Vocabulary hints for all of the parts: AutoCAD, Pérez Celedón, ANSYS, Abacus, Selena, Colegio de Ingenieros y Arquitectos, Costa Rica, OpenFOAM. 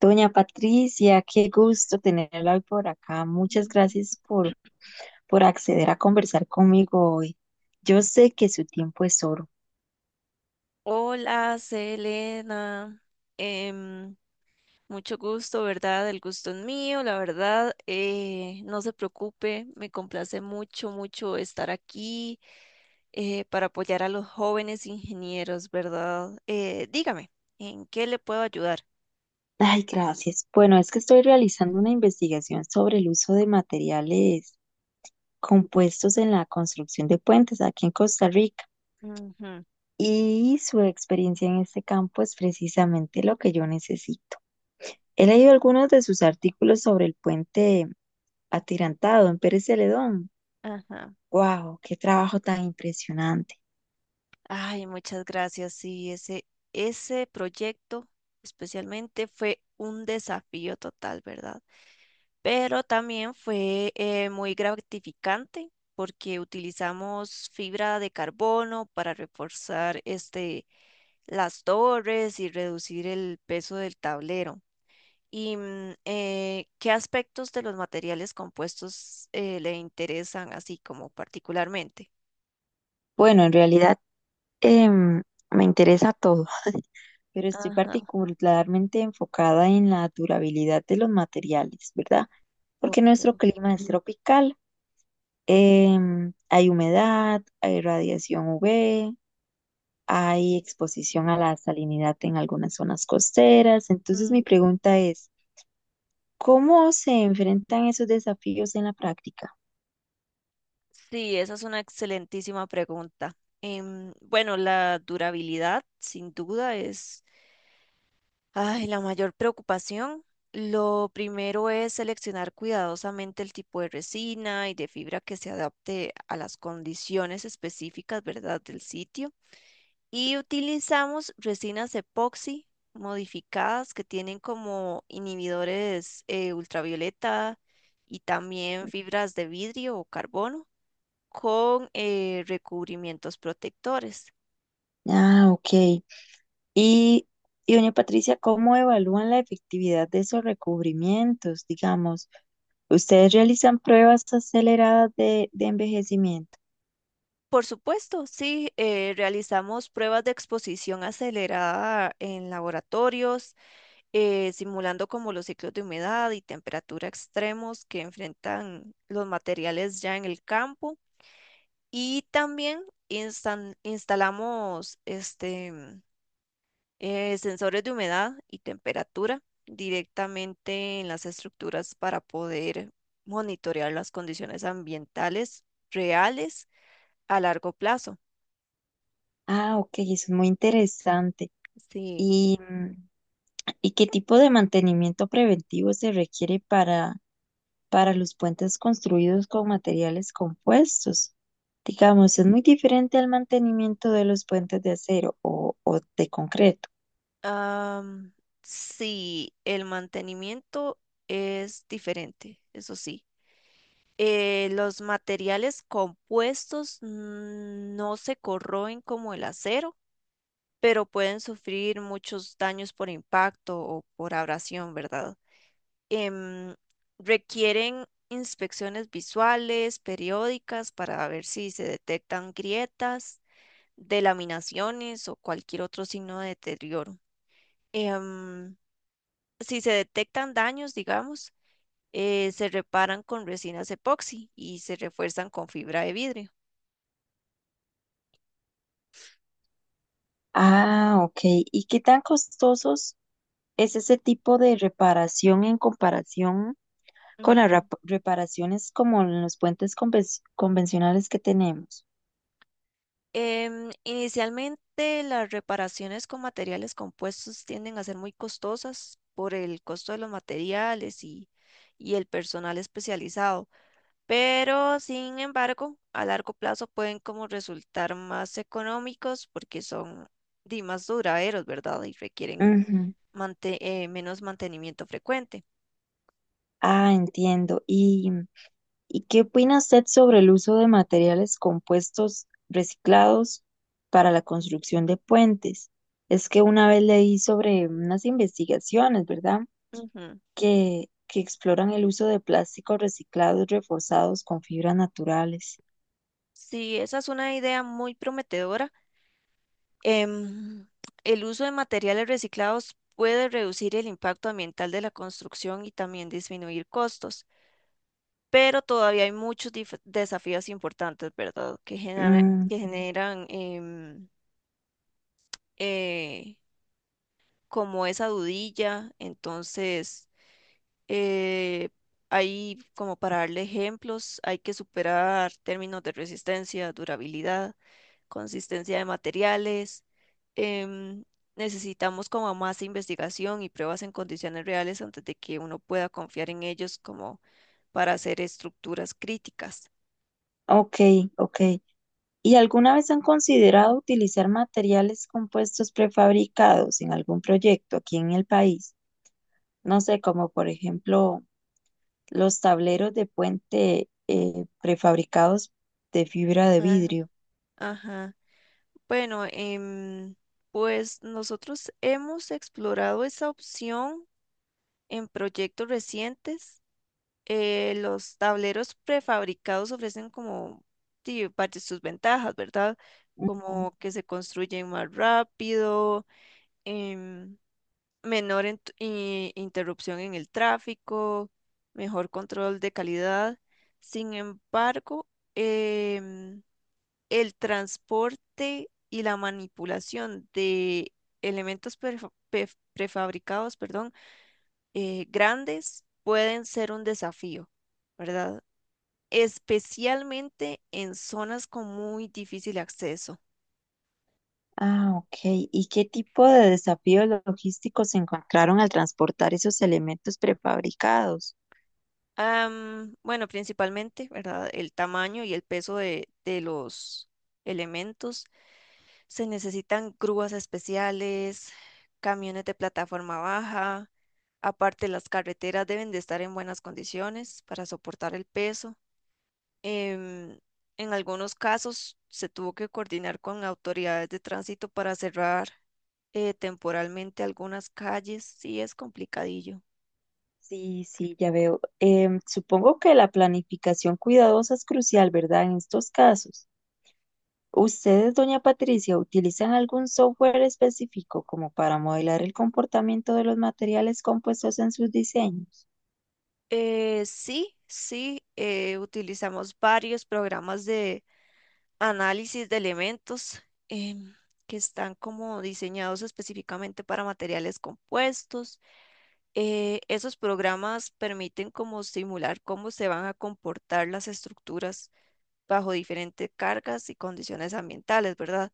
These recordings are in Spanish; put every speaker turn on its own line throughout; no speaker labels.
Doña Patricia, qué gusto tenerla hoy por acá. Muchas
Ujú.
gracias por acceder a conversar conmigo hoy. Yo sé que su tiempo es oro.
Hola, Selena. Em, mucho gusto, ¿verdad? El gusto es mío, la verdad. No se preocupe, me complace mucho estar aquí para apoyar a los jóvenes ingenieros, ¿verdad? Dígame, ¿en qué le puedo ayudar?
Ay, gracias. Bueno, es que estoy realizando una investigación sobre el uso de materiales compuestos en la construcción de puentes aquí en Costa Rica
Ujú,
y su experiencia en este campo es precisamente lo que yo necesito. He leído algunos de sus artículos sobre el puente atirantado en Pérez Celedón.
ajá.
Wow, qué trabajo tan impresionante.
Ay, muchas gracias. Sí, ese proyecto especialmente fue un desafío total, ¿verdad? Pero también fue muy gratificante porque utilizamos fibra de carbono para reforzar las torres y reducir el peso del tablero. ¿Y qué aspectos de los materiales compuestos le interesan así como particularmente?
Bueno, en realidad em, me interesa todo, pero estoy
Ajá,
particularmente enfocada en la durabilidad de los materiales, ¿verdad? Porque
ok.
nuestro clima es tropical, hay humedad, hay radiación UV, hay exposición a la salinidad en algunas zonas costeras. Entonces mi
Ujú.
pregunta es, ¿cómo se enfrentan esos desafíos en la práctica?
Sí, esa es una excelentísima pregunta. Bueno, la durabilidad sin duda es, ay, la mayor preocupación. Lo primero es seleccionar cuidadosamente el tipo de resina y de fibra que se adapte a las condiciones específicas, ¿verdad?, del sitio. Y utilizamos resinas epoxi modificadas que tienen como inhibidores ultravioleta, y también fibras de vidrio o carbono con recubrimientos protectores.
Ah, ok. Y, y doña Patricia, ¿cómo evalúan la efectividad de esos recubrimientos? Digamos, ustedes realizan pruebas aceleradas de envejecimiento.
Por supuesto, sí, realizamos pruebas de exposición acelerada en laboratorios, simulando como los ciclos de humedad y temperatura extremos que enfrentan los materiales ya en el campo. Y también instalamos sensores de humedad y temperatura directamente en las estructuras para poder monitorear las condiciones ambientales reales a largo plazo.
Ah, ok, eso es muy interesante.
Sí.
¿Y, mm, y qué tipo de mantenimiento preventivo se requiere para los puentes construidos con materiales compuestos? Digamos, es muy diferente al mantenimiento de los puentes de acero o de concreto.
Am, sí, el mantenimiento es diferente, eso sí. Los materiales compuestos no se corroen como el acero, pero pueden sufrir muchos daños por impacto o por abrasión, ¿verdad? Em, Requieren inspecciones visuales, periódicas, para ver si se detectan grietas, delaminaciones o cualquier otro signo de deterioro. Em, si se detectan daños, digamos, se reparan con resinas epoxi y se refuerzan con fibra de vidrio.
Ah, ok. ¿Y qué tan costosos es ese tipo de reparación en comparación con las
Ujú.
reparaciones como en los puentes convencionales que tenemos?
Inicialmente las reparaciones con materiales compuestos tienden a ser muy costosas por el costo de los materiales y el personal especializado, pero sin embargo, a largo plazo pueden como resultar más económicos porque son di, más duraderos, ¿verdad? Y requieren
Ujú.
mante- menos mantenimiento frecuente.
Ah, entiendo. ¿Y qué opina usted sobre el uso de materiales compuestos reciclados para la construcción de puentes? Es que una vez leí sobre unas investigaciones, ¿verdad?
Ujú.
Que exploran el uso de plásticos reciclados reforzados con fibras naturales.
Sí, esa es una idea muy prometedora. Em, el uso de materiales reciclados puede reducir el impacto ambiental de la construcción y también disminuir costos, pero todavía hay muchos desafíos importantes, ¿verdad?
Mm,
Que generan eh, como esa dudilla. Entonces, Eh, hay, como para darle ejemplos, hay que superar términos de resistencia, durabilidad, consistencia de materiales. em, Necesitamos como más investigación y pruebas en condiciones reales antes de que uno pueda confiar en ellos como para hacer estructuras críticas.
ok, ok. ¿Y alguna vez han considerado utilizar materiales compuestos prefabricados en algún proyecto aquí en el país? No sé, como por ejemplo los tableros de puente prefabricados de fibra de
Ah,
vidrio.
ajá. Bueno, pues nosotros hemos explorado esa opción en proyectos recientes. Los tableros prefabricados ofrecen como, sí, varias sus ventajas, ¿verdad?
Ujú.
Como que se construyen más rápido, em, menor interrupción en el tráfico, mejor control de calidad. Sin embargo, em, el transporte y la manipulación de elementos prefabricados, perdón, grandes pueden ser un desafío, ¿verdad? Especialmente en zonas con muy difícil acceso.
Ah, ok. ¿Y qué tipo de desafíos logísticos se encontraron al transportar esos elementos prefabricados?
Bueno, principalmente, ¿verdad? El tamaño y el peso de los elementos. Se necesitan grúas especiales, camiones de plataforma baja. Aparte, las carreteras deben de estar en buenas condiciones para soportar el peso. em, en algunos casos se tuvo que coordinar con autoridades de tránsito para cerrar temporalmente algunas calles. Sí, es complicadillo.
Sí, sí, ya veo. Supongo que la planificación cuidadosa es crucial, ¿verdad? En estos casos. ¿Ustedes, doña Patricia, utilizan algún software específico como para modelar el comportamiento de los materiales compuestos en sus diseños?
Sí, sí, utilizamos varios programas de análisis de elementos em, que están como diseñados específicamente para materiales compuestos. Esos programas permiten como simular cómo se van a comportar las estructuras bajo diferentes cargas y condiciones ambientales, ¿verdad?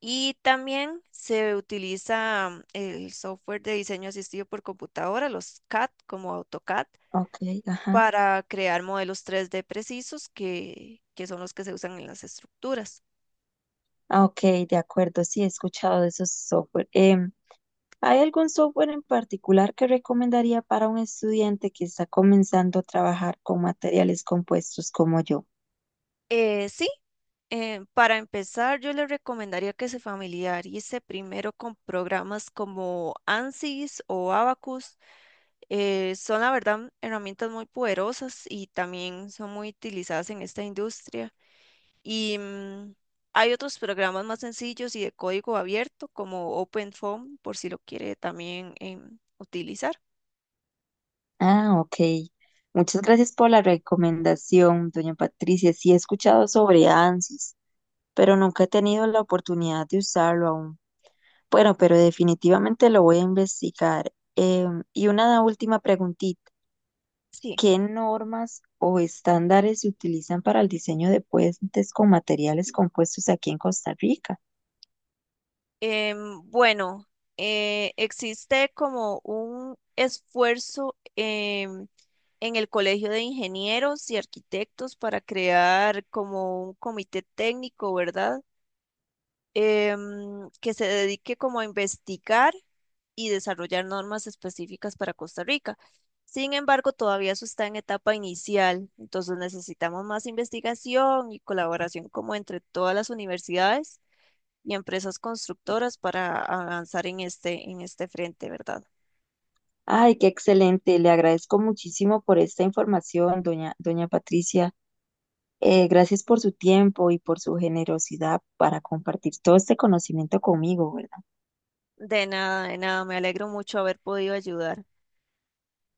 Y también se utiliza el software de diseño asistido por computadora, los CAD como AutoCAD,
Ok, ajá.
para crear modelos 3D precisos que son los que se usan en las estructuras.
Ah, ok, de acuerdo, sí, he escuchado de esos software. ¿Hay algún software en particular que recomendaría para un estudiante que está comenzando a trabajar con materiales compuestos como yo?
Eh, sí, para empezar, yo le recomendaría que se familiarice primero con programas como ANSYS o Abacus. Son la verdad herramientas muy poderosas y también son muy utilizadas en esta industria. Y hay otros programas más sencillos y de código abierto como OpenFOAM, por si lo quiere también utilizar.
Ah, ok. Muchas gracias por la recomendación, doña Patricia. Sí, he escuchado sobre ANSYS, pero nunca he tenido la oportunidad de usarlo aún. Bueno, pero definitivamente lo voy a investigar. Y una última preguntita.
Sí.
¿Qué normas o estándares se utilizan para el diseño de puentes con materiales compuestos aquí en Costa Rica?
Bueno, existe como un esfuerzo en el Colegio de Ingenieros y Arquitectos para crear como un comité técnico, ¿verdad? Que se dedique como a investigar y desarrollar normas específicas para Costa Rica. Sin embargo, todavía eso está en etapa inicial, entonces necesitamos más investigación y colaboración como entre todas las universidades y empresas constructoras para avanzar en este frente, ¿verdad?
Ay, qué excelente. Le agradezco muchísimo por esta información, doña Patricia. Gracias por su tiempo y por su generosidad para compartir todo este conocimiento conmigo, ¿verdad?
De nada, me alegro mucho haber podido ayudar.